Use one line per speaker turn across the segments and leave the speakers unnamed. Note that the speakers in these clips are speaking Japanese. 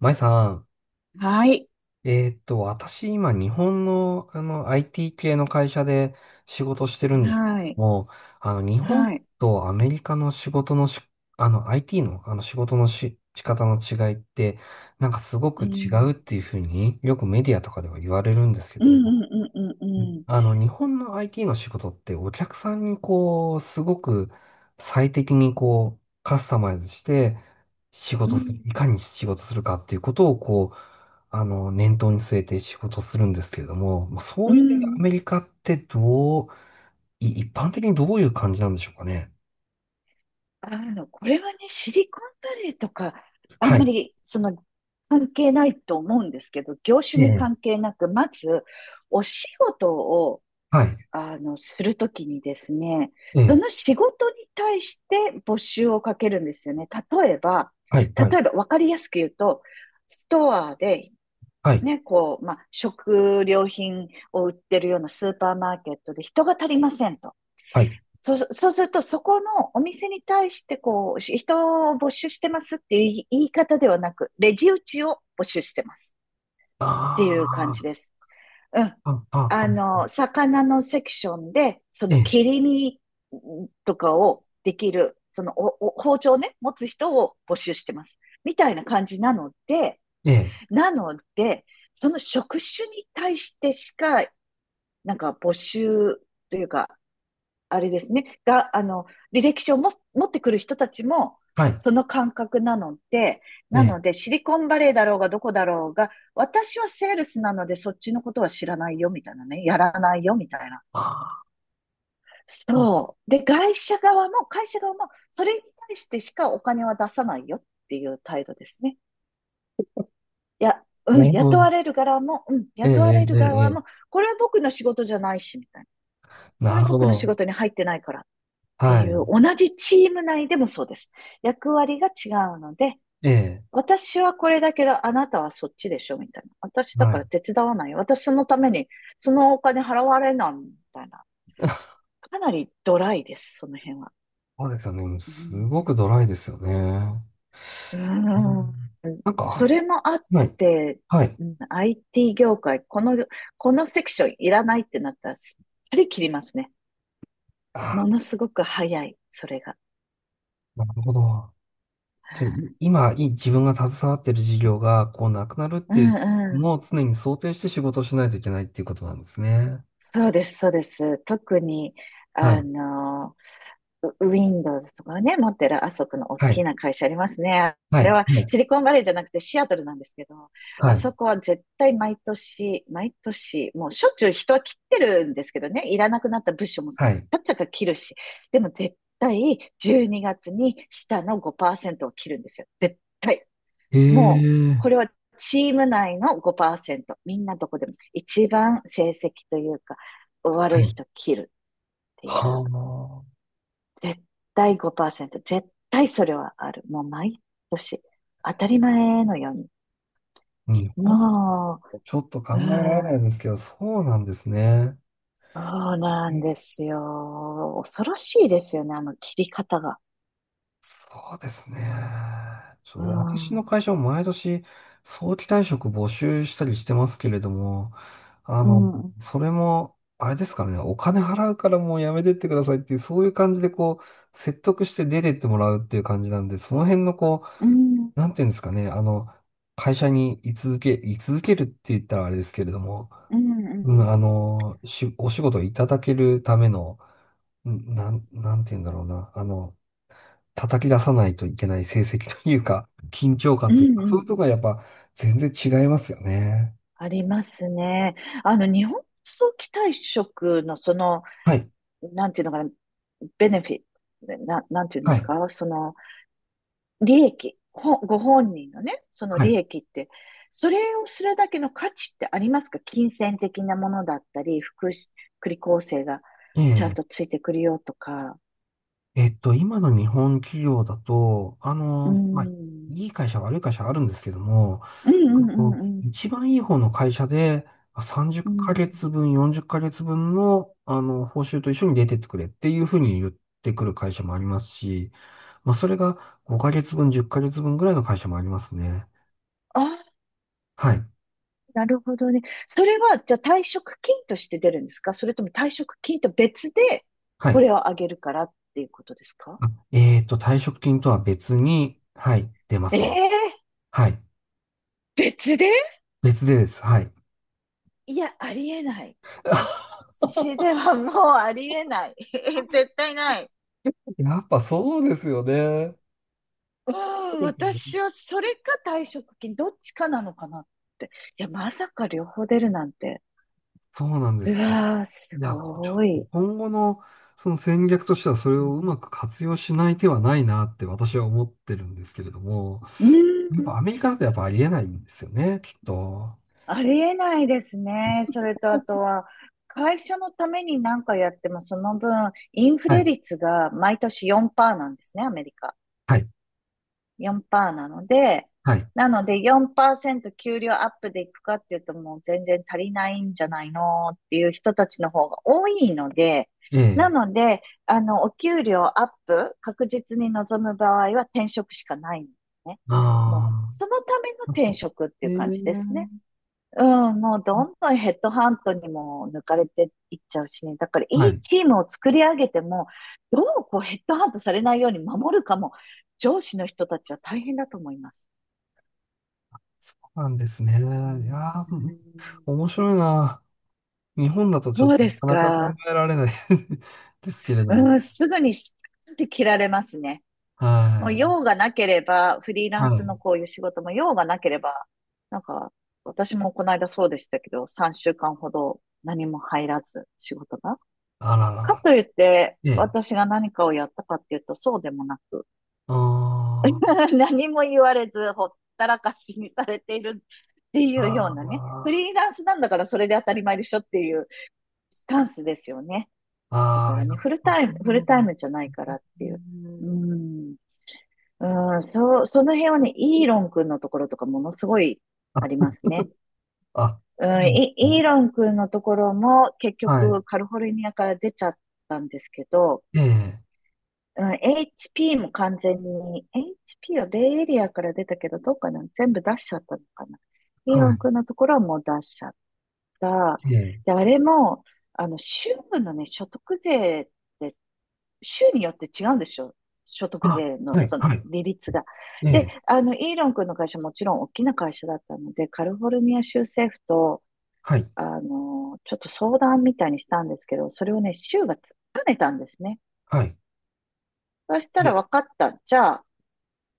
まいさん、
はい。
私今日本の、IT 系の会社で仕事してるんですけ
はい。
ども、日本
はい。
とアメリカの仕事のし、あの IT の、仕方の違いって、なんかすご
う
く違うっ
ん。
ていうふうによくメディアとかでは言われるんですけ
う
ど
ん
も、
うんうん
日本の IT の仕事ってお客さんにこう、すごく最適にこう、カスタマイズして仕
うん
事
うん。う
する、
ん。
いかに仕事するかっていうことをこう、念頭に据えて仕事するんですけれども、まあそ
う
ういう点でア
ん。
メリカってどう、一般的にどういう感じなんでしょうかね。
あの、これはね、シリコンバレーとか、あ
は
んま
い。
り、関係ないと思うんですけど、業
え
種に
え。
関係なく、まず、お仕事を、
はい。
するときにですね、
え
そ
え。
の仕事に対して募集をかけるんですよね。例えば、
はい。はい。
例えば、わかりやすく言うと、ストアで
はい。
ね、こう、まあ、食料品を売ってるようなスーパーマーケットで人が足りませんと。
はい。
そうすると、そこのお店に対して、こう、人を募集してますっていう言い方ではなく、レジ打ちを募集してますって
あ
いう感じです。うん。
あ、あ、あ、
あ
あ、
の、魚のセクションで、そ
え
の
え。
切り身とかをできる、そのお包丁をね、持つ人を募集してます。みたいな感じなので、
ええ。
なので、その職種に対してしか、なんか募集というか、あれですね、あの、履歴書をも持ってくる人たちも、
はい。
その感覚なので、
え
な
え。
ので、シリコンバレーだろうが、どこだろうが、私はセールスなので、そっちのことは知らないよ、みたいなね、やらないよ、みたいな。
ああ、
そう。で、会社側も、それに対してしかお金は出さないよっていう態度ですね。や、う
な
ん、
るほど。え
雇われ
え、
る
ええ、ええ。
側
え
も、
え、
これは僕の仕事じゃないし、みたいな。こ
な
れは
るほ
僕の仕
ど。
事に入ってないからって
は
い
い。
う、同じチーム内でもそうです。役割が違うので、
ええ、
私はこれだけど、あなたはそっちでしょみたいな。私だ
は
から
い。
手伝わないよ。私そのために、そのお金払われないみたいな。かなりドライです、その辺は。
そうですよね。
う
す
ん、
ごくドライですよね。
うー
う
ん。
ん、なんか、
それもあっ
はい。
て、
はい。
うん、 IT 業界、このセクションいらないってなったら、すっぱり切りますね。
あ、
ものすごく早い、それが。
なるほど。そう、今、自分が携わっている事業が、こう、なくなるっ
う
てい
ん
う
うん。
のを常に想定して仕事をしないといけないっていうことなんですね。
そうです、そうです。特に、
は
あ
い。
の、Windows とかね、持ってるあそこの大
はい。
きな会社ありますね。
は
あれ
い。
は
はい。
シリコンバレーじゃなくてシアトルなんですけど、
は
あ
い。
そこは絶対毎年、毎年、もうしょっちゅう人は切ってるんですけどね、いらなくなった物資もち
はい。
っちゃか切るし、でも絶対12月にがつに下の5%を切るんですよ。絶対。
え
もう、
え、
これはチーム内の5%。みんなどこでも一番成績というか、
は
悪い
い。
人切るっていう、
は
絶対5%、絶対それはある。もう毎年、当たり前のように。
あ、日本、
も
ちょっと考
う、う
えられない
ん、
ですけど、そうなんですね。
そうなんですよ。恐ろしいですよね、あの切り方が。
そうですね。
う
私
ん、う
の
ん、
会社も毎年早期退職募集したりしてますけれども、あ
う
の、
ん、
それも、あれですからね、お金払うからもうやめてってくださいっていう、そういう感じでこう、説得して出てってもらうっていう感じなんで、その辺のこ
うん、
う、なんていうんですかね、会社に居続けるって言ったらあれですけれども、
う
うん、
ん、
お仕事をいただけるための、なんて言うんだろうな。叩き出さないといけない成績というか、緊張
う
感という
ん、
か、
う
そういうとこ
ん。
ろがやっぱ全然違いますよね。
ありますね。あの、日本早期退職のその、
はい、
なんていうのかな、ベネフィット、なんていうんで
は
す
い、
か、その、利益、ご本人のね、その
は
利
い。
益って、それをするだけの価値ってありますか？金銭的なものだったり、福祉、福利厚生が
え
ちゃん
え、
とついてくるよとか。
今の日本企業だと、
うー
まあ、
ん。
いい会社、悪い会社あるんですけども、
うんうんうんうん。
一番いい方の会社で、まあ30ヶ
うん。
月分、40ヶ月分の、報酬と一緒に出てってくれっていうふうに言ってくる会社もありますし、まあ、それが5ヶ月分、10ヶ月分ぐらいの会社もありますね。
ああ、
はい。
なるほどね。それは、じゃあ退職金として出るんですか？それとも退職金と別で
は
こ
い。
れをあげるからっていうことですか？
あ、退職金とは別に、はい、出ま
ええ
すね。
ー、
はい。
別で。
別でです。はい。
いや、ありえない。こっ ちではもうありえない。絶対ない。
やっぱそうですよね。
う
そ
ん、
うですよね。
私はそれか退職金、どっちかなのかなって。いや、まさか両方出るなんて。
そうなんで
う
す。
わー、す
いや、こうちょ
ご
っと
い。
今後のその戦略としてはそれ
う
をう
ん、
まく活用しない手はないなって私は思ってるんですけれども、
う
やっ
ん、
ぱアメリカだとやっぱありえないんですよね、きっと。
ありえないですね。それとあとは、会社のために何かやっても、その分、インフ
は
レ
い、
率が毎年4%なんですね、アメリカ。
はい、
4%なので、
はい。
なので4%給料アップでいくかっていうと、もう全然足りないんじゃないのっていう人たちの方が多いので、
え
な
え、
ので、あの、お給料アップ確実に望む場合は転職しかないんですね。
あ
もう、
あ、
そのための
やっ
転
ぱ、
職って
え
いう
え、
感じですね。うん、もうどんどんヘッドハントにも抜かれていっちゃうしね。だから
は
いい
い。
チームを作り上げても、どうこうヘッドハントされないように守るかも、上司の人たちは大変だと思います。
そうなんですね。いや
うー
ー、うん、
ん、
面白いな。日本だとちょっ
そうです
となかなか考
か。
えられない ですけれども。
うん、すぐにスパッて切られますね。
は
もう
い。
用がなければ、フリーラ
は
ンス
い。
のこういう仕事も用がなければ、なんか、私もこの間そうでしたけど、3週間ほど何も入らず、仕事が。
あら
か
ら。
といって、
ええ。
私が何かをやったかっていうと、そうでもなく、
あー、
何も言われず、ほったらかしにされているって
あ
いうようなね、フ
ー、
リーランスなんだからそれで当たり前でしょっていうスタンスですよね。だ
あ
か
あ、
ら
や
ね、
っ
フル
ぱ
タ
そ
イム、フル
う
タイ
なん
ムじゃないからってい
で
う。
す
うー
ね。
ん。うーん、その辺はね、イーロン君のところとかものすごいあり
あ、
ますね。
あ、
う
そう
ん、
です
イー
ね。
ロン君のところも結
はい。
局カリフォルニアから出ちゃったんですけど、
ええ。
うん、HP も完全に、HP はベイエリアから出たけど、どうかな？全部出しちゃったのかな？イー
は
ロン君のところはもう出しちゃった。
い。ええ。
で、あれも、あの、州のね、所得税って、州によって違うんでしょ？所得
あ、
税の、
はい。
その、
はい。
利率が。
え
で、
え。
あの、イーロン君の会社、もちろん大きな会社だったので、カリフォルニア州政府と、
はい。
あの、ちょっと相談みたいにしたんですけど、それをね、州が突っぱねたんですね。
はい。
そした
で、
ら、分かった、じゃあ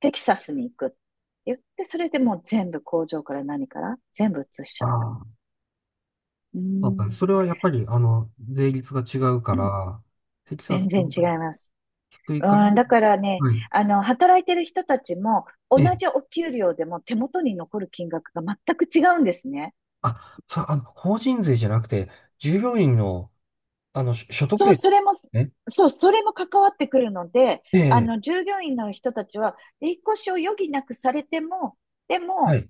テキサスに行くって言って、それでもう全部工場から何から全部移しち
あ
ゃった。
あ、
うー
そうだね。
ん。
それはやっぱり、税率が違うか
うん、
ら、テキサス
全
の
然
方
違
が
います。
低い
う
から、
ーん、だからね、
はい。
あの、働いてる人たちも、同
ええ。
じお給料でも手元に残る金額が全く違うんですね。
あ、そう、法人税じゃなくて、従業員の、所得
そう、
税
それも、
ね。
そう、それも関わってくるので、
え
あ
え、
の、従業員の人たちは、引っ越しを余儀なくされても、で
は
も、
い、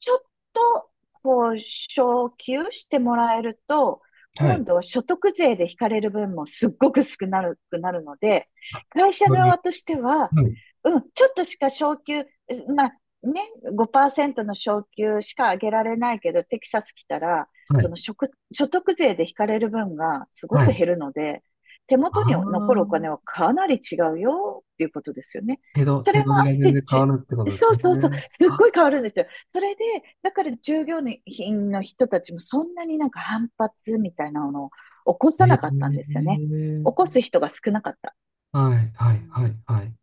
ちょっと、こう、昇給してもらえると、
は
今
い。
度は所得税で引かれる分もすっごく少なくなるので、
あ、
会社
よ
側
り、
としては、
はい、
うん、ちょっとしか昇給、まあね、5%の昇給しか上げられないけど、テキサス来たら、
は
そ
い、
の所得税で引かれる分がすご
は
く
い。
減るので、手
あ
元に残るお金
あ、
はかなり違うよっていうことですよね。そ
手
れも
取り
あ
が
っ
全
て、
然変わるってことです
そうそうそう、す
ね。
っご
あ、
い変わるんですよ。それで、だから従業員の人たちもそんなになんか反発みたいなのを起こさ
え
なかったんですよ
え、
ね。起こす人が少なかった。
はい、
う
はい、
ん、
はい、はい。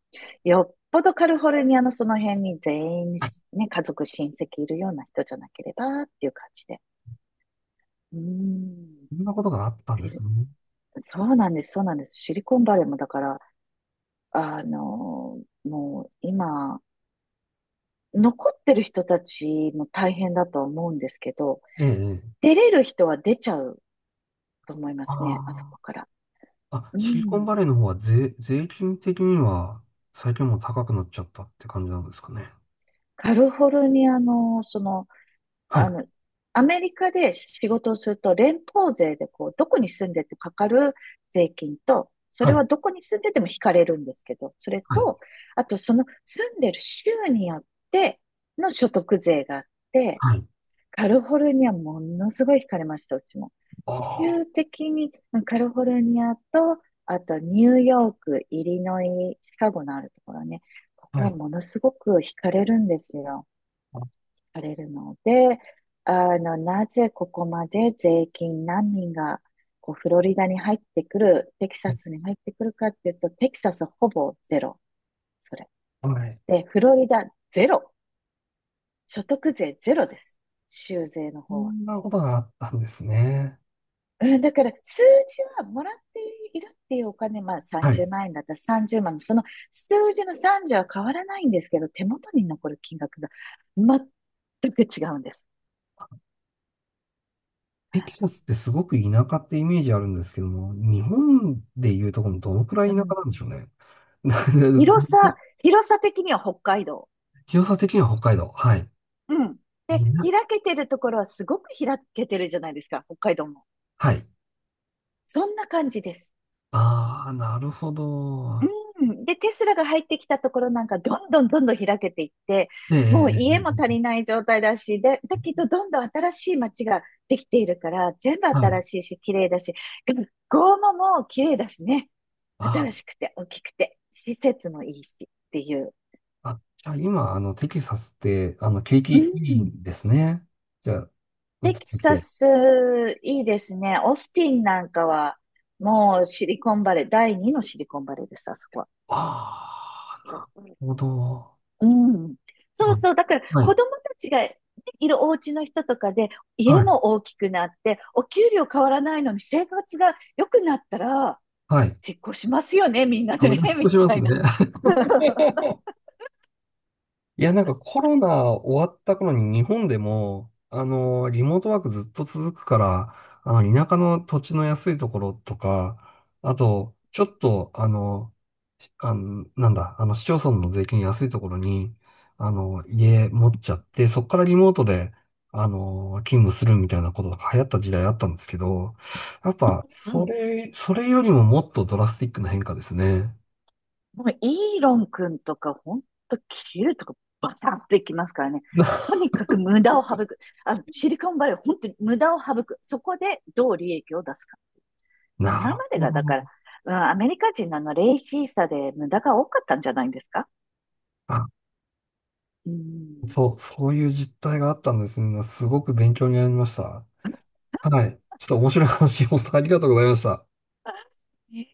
よっぽどカリフォルニアのその辺に全員、ね、家族、親戚いるような人じゃなければっていう感じで。うーん。
そんなことがあったんですね。
そうなんです、そうなんです。シリコンバレーもだから、あの、もう今、残ってる人たちも大変だと思うんですけど、
ええ、ええ、
出れる人は出ちゃうと思いますね、あそ
あ
こから。
あ、あ、
う
シリコン
ん。
バレーの方は税金的には最近もう高くなっちゃったって感じなんですかね。
カリフォルニアの、その、
はい、
あの、アメリカで仕事をすると、連邦税でこう、どこに住んでてかかる税金と、そ
は
れ
い、
はどこに住んでても引かれるんですけど、それ
はい、
と、あとその住んでる州によっての所得税があって、
はい。
カリフォルニアものすごい惹かれました、うちも。
あ
地球
あ。
的に、うん、カリフォルニアと、あとニューヨーク、イリノイ、シカゴのあるところね、ここ
は
は
い、
ものすごく惹かれるんですよ。
は
惹かれるので、あの、なぜここまで税金難民がこうフロリダに入ってくる、テキサスに入ってくるかっていうと、テキサスほぼゼロ、それ。
い。
で、フロリダゼロ、所得税ゼロです。州税の
そ
方は。
んなことがあったんですね。
うん、だから数字はもらっているっていうお金、まあ
はい。
30万円だったら30万の、その数字の30は変わらないんですけど、手元に残る金額が全く違うんです。
テキサスってすごく田舎ってイメージあるんですけども、日本でいうとこのどのくらい
う
田舎
ん、
なんでしょうね。な
広 さ、広さ的には北海道。
広さ的には北海道。はい。
うん。で、
いな、
開けてるところはすごく開けてるじゃないですか、北海道も。
はい。
そんな感じです。
ああ、なるほど。
うん。で、テスラが入ってきたところなんか、どんどんどんどん開けていって、
ええ、え
もう家も足
え、え
りない状態だし、で、だけ
え、
ど、どんどん新しい街ができているから、全部
はい。
新しいし、綺麗だし、学校ももう綺麗だしね。
あ
新しくて、大きくて、施設もいいし、っていう。
あ、じゃあ今、テキサスって、景
う
気いい
ん。
んですね。じゃあ、移っ
テキ
てき
サ
て。
ス、いいですね。オースティンなんかは、もうシリコンバレー、第二のシリコンバレーです、あそこ
ああ、な
は。
るほど。
うん。
す
そ
ご
う
い。
そう。だから
は
子
い。
供たちがいるお家の人とかで、
は
家
い。
も大きくなって、お給料変わらないのに生活が良くなったら、
はい。
結婚しますよね、みんなで
ほっ
ね、
と
み
しま
た
す
いな。
ね。いや、なんかコロナ終わった頃に日本でも、リモートワークずっと続くから、田舎の土地の安いところとか、あと、ちょっと、あの、しあの、なんだ、市町村の税金安いところに、家持っちゃって、そこからリモートで、勤務するみたいなことが流行った時代あったんですけど、やっぱ、
うん。
それよりももっとドラスティックな変化ですね。
もうイーロン君とか、ほんと切るとかバサッといきますからね。と にかく無駄を省く。あの、シリコンバレー、本当に無駄を省く。そこでどう利益を出すか。
な
今
る
まで
ほ
がだ
ど。
から、うん、アメリカ人のあの、レイシーさで無駄が多かったんじゃないんですか？ うん。
そう、そういう実態があったんですね。すごく勉強になりました。はい。ちょっと面白い話、本当ありがとうございました。
え